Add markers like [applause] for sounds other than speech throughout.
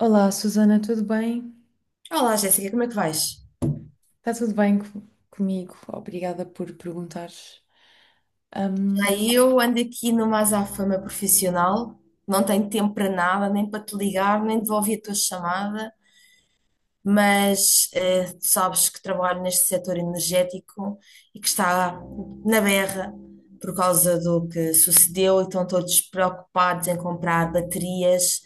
Olá, Susana, tudo bem? Olá, Jéssica, como é que vais? Está tudo bem comigo? Obrigada por perguntares. Ahm, Já eu ando aqui numa azáfama profissional, não tenho tempo para nada, nem para te ligar, nem devolver a tua chamada. Mas tu sabes que trabalho neste setor energético e que está na berra por causa do que sucedeu e estão todos preocupados em comprar baterias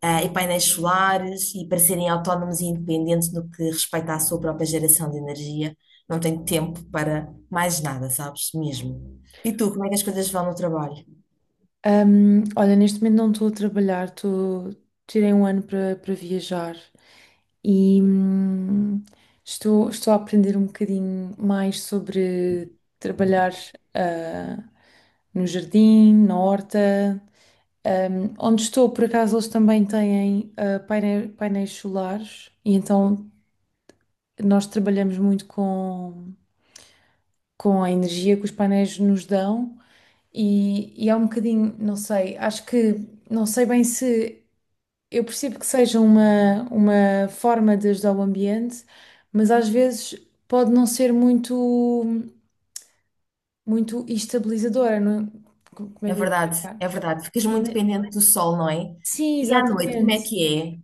e painéis solares e para serem autónomos e independentes no que respeita à sua própria geração de energia. Não tenho tempo para mais nada, sabes? Mesmo. E tu, como é que as coisas vão no trabalho? Olha, neste momento não estou a trabalhar, tirei um ano para viajar e estou a aprender um bocadinho mais sobre trabalhar ah, no jardim, na horta. Onde estou, por acaso, eles também têm painéis solares, e então nós trabalhamos muito com a energia que os painéis nos dão. E e, é um bocadinho, não sei, acho que não sei bem se eu percebo que seja uma forma de ajudar o ambiente, mas às vezes pode não ser muito estabilizadora, é? Como é É que eu ia verdade, é explicar? verdade. Ficas muito Ima- dependente do sol, não é? Sim, E à noite, como é exatamente. que é?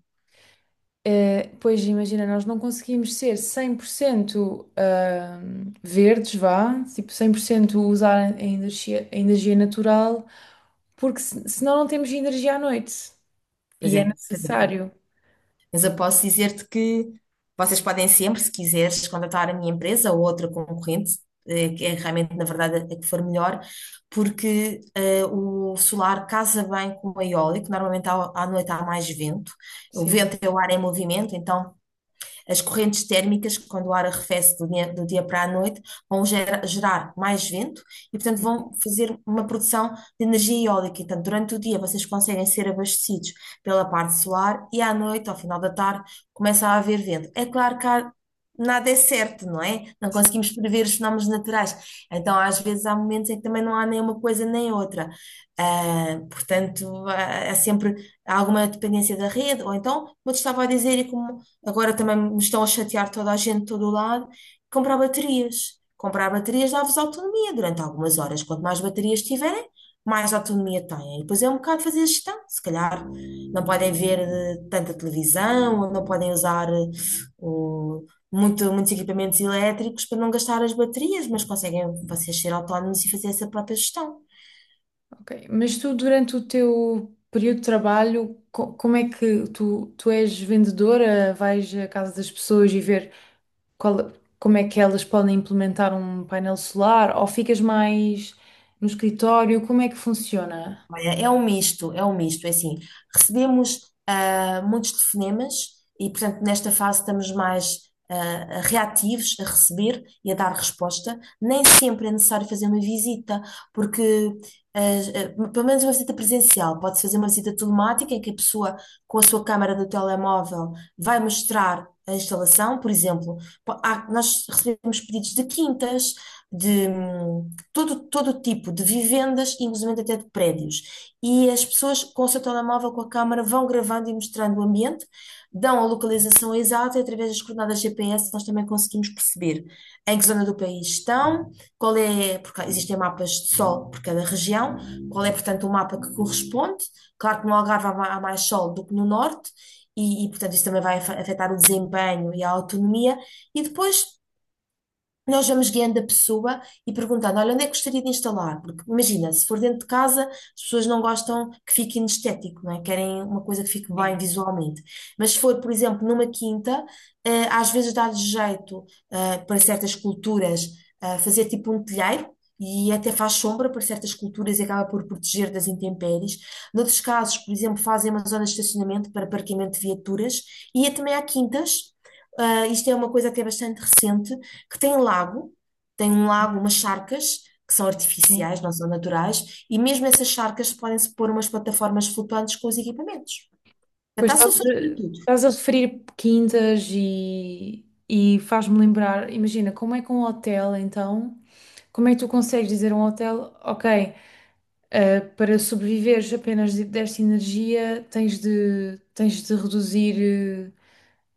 Eh, pois imagina, nós não conseguimos ser 100% verdes, vá, tipo 100% usar a energia natural, porque senão não temos energia à noite Pois e é, é pois é. necessário. Mas eu posso dizer-te que vocês podem sempre, se quiseres, contratar a minha empresa ou outra concorrente, que é realmente, na verdade, a que for melhor, porque o solar casa bem com o eólico, normalmente à noite há mais vento, o Sim, vento é o ar em movimento, então as correntes térmicas, quando o ar arrefece do dia para a noite, vão gerar mais vento e, portanto, vão fazer uma produção de energia eólica. Então, durante o dia, vocês conseguem ser abastecidos pela parte solar e à noite, ao final da tarde, começa a haver vento. É claro que há nada é certo, não é? Não conseguimos prever os fenómenos naturais. Então, às vezes, há momentos em que também não há nem uma coisa nem outra. Portanto, há sempre alguma dependência da rede, ou então, como eu te estava a dizer, e como agora também me estão a chatear toda a gente, todo o lado. Comprar baterias. Comprar baterias dá-vos autonomia durante algumas horas. Quanto mais baterias tiverem, mais autonomia têm. E depois é um bocado fazer gestão. Se calhar não podem ver tanta televisão, ou não podem usar o- muitos equipamentos elétricos para não gastar as baterias, mas conseguem vocês ser autónomos e fazer essa própria gestão. ok. Mas tu, durante o teu período de trabalho, como é que tu és vendedora? Vais à casa das pessoas e ver qual- como é que elas podem implementar um painel solar? Ou ficas mais no escritório? Como é que funciona? Olha, é um misto, é um misto. É assim, recebemos muitos telefonemas e, portanto, nesta fase estamos mais reativos a receber e a dar resposta. Nem sempre é necessário fazer uma visita, porque, ah, pelo menos uma visita presencial, pode-se fazer uma visita telemática em que a pessoa, com a sua câmara do telemóvel, vai mostrar a instalação. Por exemplo, nós recebemos pedidos de quintas, todo tipo de vivendas, inclusive até de prédios. E as pessoas com o seu telemóvel, com a câmara, vão gravando e mostrando o ambiente, dão a localização exata e através das coordenadas GPS nós também conseguimos perceber em que zona do país estão, qual é, porque existem mapas de sol por cada região, qual é, portanto, o mapa que corresponde. Claro que no Algarve há mais sol do que no norte, e, portanto isso também vai afetar o desempenho e a autonomia. E depois nós vamos guiando a pessoa e perguntando: olha, onde é que gostaria de instalar? Porque imagina, se for dentro de casa, as pessoas não gostam que fique inestético, não é? Querem uma coisa que fique bem Sim. visualmente. Mas se for, por exemplo, numa quinta, às vezes dá-lhes jeito, para certas culturas, fazer tipo um telheiro. E até faz sombra para certas culturas e acaba por proteger das intempéries. Noutros casos, por exemplo, fazem uma zona de estacionamento para parqueamento de viaturas. E também há quintas, isto é uma coisa que é bastante recente, que tem um lago, umas charcas, que são Sim. artificiais, não são naturais, e mesmo essas charcas podem-se pôr umas plataformas flutuantes com os equipamentos. Pois Portanto, há soluções para tudo. estás a referir quintas e faz-me lembrar, imagina, como é que um hotel, então, como é que tu consegues dizer a um hotel, ok, eh, para sobreviveres apenas desta energia, tens de reduzir eh,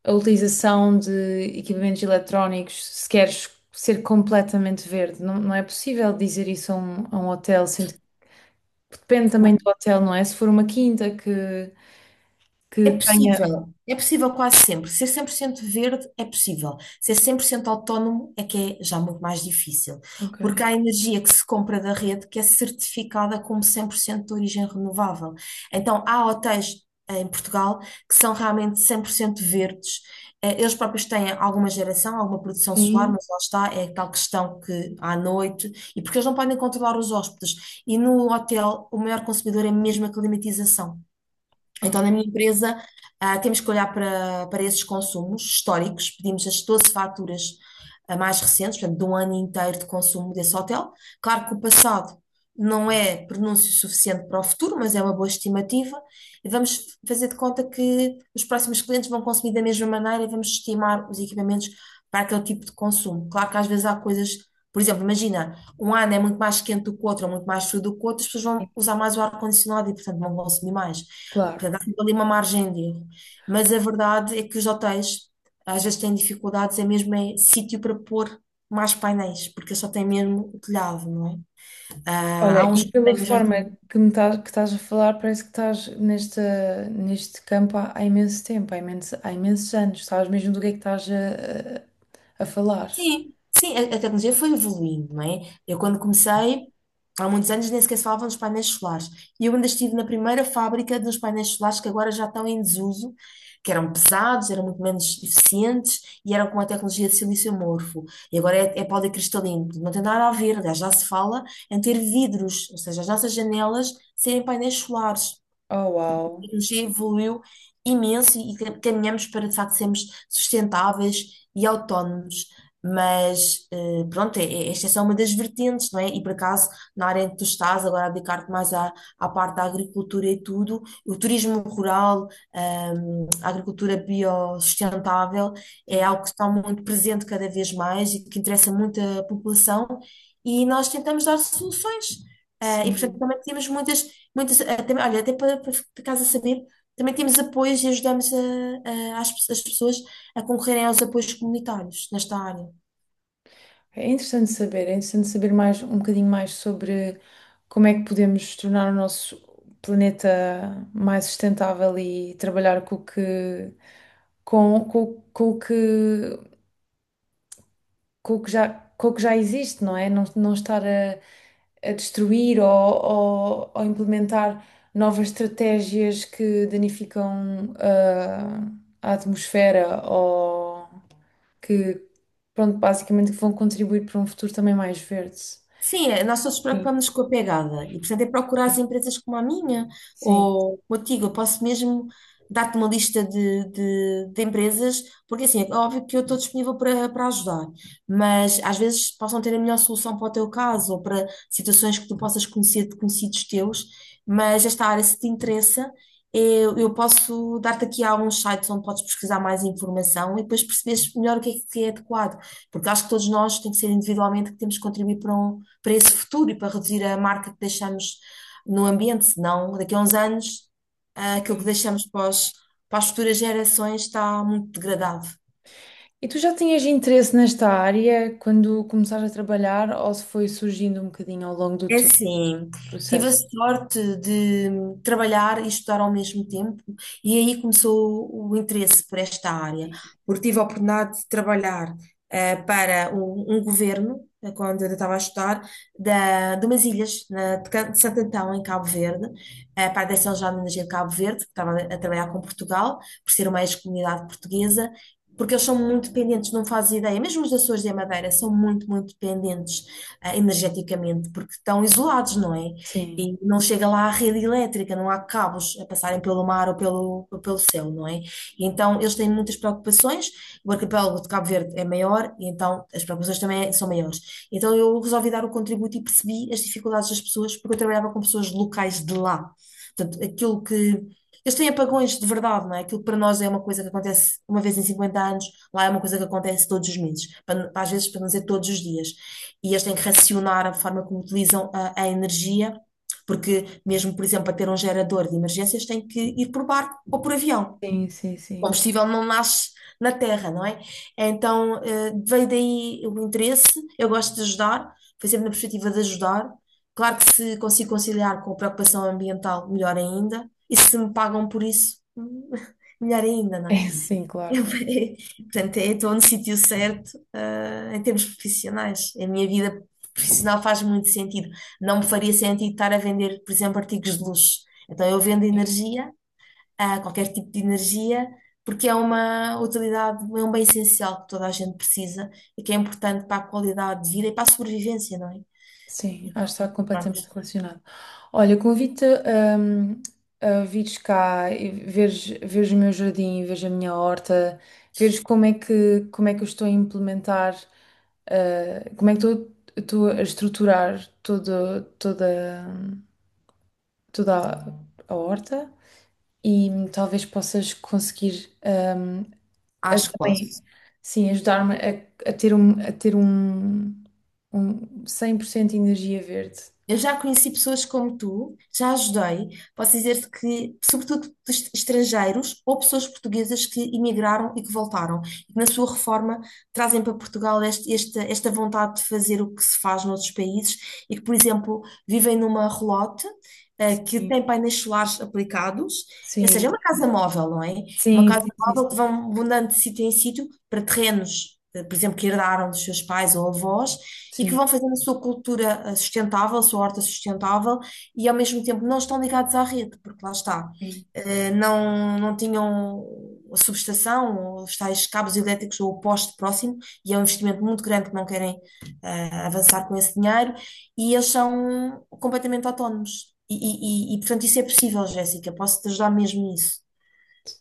a utilização de equipamentos eletrónicos se queres ser completamente verde. Não, não é possível dizer isso a a um hotel, sendo que depende também do hotel, não é? Se for uma quinta que tenha. É possível quase sempre. Ser 100% verde é possível. Ser 100% autónomo é que é já muito mais difícil, Ok. porque há energia que se compra da rede que é certificada como 100% de origem renovável. Então, há hotéis em Portugal que são realmente 100% verdes. Eles próprios têm alguma geração, alguma produção solar, Sim, mas lá está, é tal questão que à noite, e porque eles não podem controlar os hóspedes. E no hotel, o maior consumidor é mesmo a climatização. Então, ok. na minha empresa, temos que olhar para esses consumos históricos, pedimos as 12 faturas mais recentes, portanto, de um ano inteiro de consumo desse hotel. Claro que o passado não é pronúncio suficiente para o futuro, mas é uma boa estimativa. E vamos fazer de conta que os próximos clientes vão consumir da mesma maneira e vamos estimar os equipamentos para aquele tipo de consumo. Claro que às vezes há coisas, por exemplo, imagina um ano é muito mais quente do que o outro, ou muito mais frio do que o outro, as pessoas vão usar mais o ar-condicionado e, portanto, vão consumir mais. Claro. Portanto, há sempre ali uma margem de erro. Mas a verdade é que os hotéis, às vezes, têm dificuldades, é mesmo em sítio para pôr mais painéis, porque só tem mesmo o telhado, não é? Ah, Olha, há e uns que pela têm forma jardim. que que estás a falar, parece que estás nesta, neste campo há, há imenso tempo, há imenso, há imensos anos. Sabes mesmo do que é que a falar. Sim, sim, a tecnologia foi evoluindo, não é? Eu quando comecei, há muitos anos, nem sequer se falava dos painéis solares. E eu ainda estive na primeira fábrica dos painéis solares que agora já estão em desuso, que eram pesados, eram muito menos eficientes e eram com a tecnologia de silício amorfo. E agora é, policristalino, portanto, não tem nada a ver, aliás, já se fala em ter vidros, ou seja, as nossas janelas serem painéis solares. Oh, uau. Tecnologia evoluiu imenso e caminhamos para, de facto, sermos sustentáveis e autónomos. Mas, pronto, esta é só uma das vertentes, não é? E, por acaso, na área em que tu estás, agora a dedicar-te mais à parte da agricultura e tudo, o turismo rural, a agricultura biossustentável, é Sim, algo que está muito presente cada vez mais e que interessa muito a população, e nós tentamos dar soluções. E, portanto, sim. também temos muitas. Muitas, até, olha, até para ficares saber, também temos apoios e ajudamos as pessoas a concorrerem aos apoios comunitários nesta área. É interessante saber mais, um bocadinho mais sobre como é que podemos tornar o nosso planeta mais sustentável e trabalhar com o que, com o que com o que com o que já existe, não é? Não, não estar a destruir ou implementar novas estratégias que danificam ah, a atmosfera ou que, pronto, basicamente que vão contribuir para um futuro também mais verde. Sim, é, nós todos Sim, preocupamos com a pegada e, portanto, é procurar as sim, empresas como a minha sim. ou contigo. Eu posso mesmo dar-te uma lista de empresas, porque assim, é óbvio que eu estou disponível para ajudar, mas às vezes possam ter a melhor solução para o teu caso ou para situações que tu possas conhecer de conhecidos teus. Mas esta área, se te interessa, eu posso dar-te aqui alguns sites onde podes pesquisar mais informação e depois perceberes melhor o que é adequado, porque acho que todos nós tem que ser individualmente que temos que contribuir para para esse futuro e para reduzir a marca que deixamos no ambiente, senão daqui a uns anos, aquilo que Sim. deixamos para as futuras gerações está muito degradado. E tu já tinhas interesse nesta área quando começaste a trabalhar ou se foi surgindo um bocadinho ao longo do É teu assim, tive a processo? sorte de trabalhar e estudar ao mesmo tempo, e aí começou o interesse por esta área, Sim, porque tive a oportunidade de trabalhar para um governo, quando eu estava a estudar, de umas ilhas, de Santo Antão, em Cabo Verde, para a Direção Geral de Energia de Cabo Verde, que estava a trabalhar com Portugal, por ser uma ex-comunidade portuguesa. Porque eles são muito dependentes, não fazes ideia, mesmo os Açores e a Madeira são muito, muito dependentes energeticamente, porque estão isolados, não é? sim, E não chega lá a rede elétrica, não há cabos a passarem pelo mar ou pelo céu, não é? E então eles têm muitas preocupações, o arquipélago de Cabo Verde é maior, e então as preocupações também são maiores. Então eu resolvi dar o contributo e percebi as dificuldades das pessoas, porque eu trabalhava com pessoas locais de lá. Portanto, aquilo que eles têm apagões de verdade, não é? Aquilo que para nós é uma coisa que acontece uma vez em 50 anos, lá é uma coisa que acontece todos os meses, às vezes, para não dizer todos os dias. E eles têm que racionar a forma como utilizam a energia, porque mesmo, por exemplo, para ter um gerador de emergências, têm que ir por barco ou por avião. sim, sim. O Sim. combustível não nasce na terra, não é? Então, veio daí o interesse. Eu gosto de ajudar, foi sempre na perspectiva de ajudar. Claro que se consigo conciliar com a preocupação ambiental, melhor ainda. E se me pagam por isso, [laughs] melhor ainda, [laughs] não é? É, sim, claro. Eu- [laughs] portanto, eu estou no sítio certo, em termos profissionais. A minha vida profissional faz muito sentido. Não me faria sentido estar a vender, por exemplo, artigos de luxo. Então, eu vendo É, energia, a qualquer tipo de energia, porque é uma utilidade, é um bem essencial que toda a gente precisa e que é importante para a qualidade de vida e para a sobrevivência, não é? sim, Então, acho que está pronto, completamente relacionado. Olha, convido-te hum, a vires cá e veres o meu jardim, veres a minha horta, veres como é que eu estou a implementar, eh, como é que estou, estou a estruturar toda a horta e talvez possas conseguir hum, acho que Bem, posso. sim, ajudar-me a ter a ter um, um 100% de energia verde. Eu já conheci pessoas como tu, já ajudei. Posso dizer-te que, sobretudo dos estrangeiros ou pessoas portuguesas que emigraram e que voltaram, e que na sua reforma trazem para Portugal esta vontade de fazer o que se faz noutros países e que, por exemplo, vivem numa relote, que Sim, tem painéis solares aplicados, ou seja, é sim, uma casa móvel, não é? Uma sim, casa sim, sim, móvel que sim, vão mudando de sítio em sítio para terrenos, por exemplo, que herdaram dos seus pais ou avós e que sim, vão fazendo a sua cultura sustentável, a sua horta sustentável e ao mesmo tempo não estão ligados à rede, porque lá está, sim. Não, não tinham a subestação, ou os tais cabos elétricos ou o poste próximo, e é um investimento muito grande que não querem avançar com esse dinheiro, e eles são completamente autónomos. E, portanto, isso é possível, Jéssica, posso te ajudar mesmo nisso.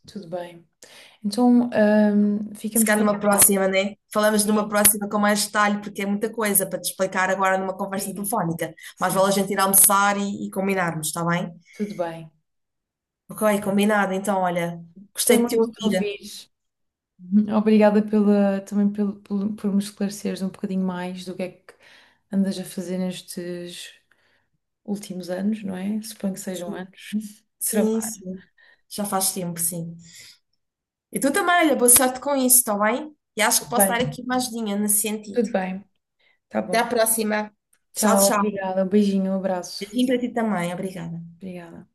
Tudo bem. Então, Se ficamos calhar numa combinados. próxima, né? Falamos numa Sim, próxima com mais detalhe, porque é muita coisa para te explicar agora numa conversa sim, telefónica. Mas sim, vale a gente ir almoçar e combinarmos, está bem? tudo bem. Ok, combinado. Então, olha, Gostei gostei de te muito de te ouvir. ouvir. Uhum. Obrigada pela, também pelo, por me esclareceres um bocadinho mais do que é que andas a fazer nestes últimos anos, não é? Suponho que sejam Sim, anos de sim. trabalho. Sim. Já faz tempo, sim. E tu também, olha, boa sorte com isso, está bem? E acho que posso dar Bem. aqui uma ajudinha nesse sentido. Tudo bem, tá Até à bom. próxima. Tchau, Tchau, tchau. obrigada. Um beijinho, um abraço. Beijinho para ti também. Obrigada. Obrigada.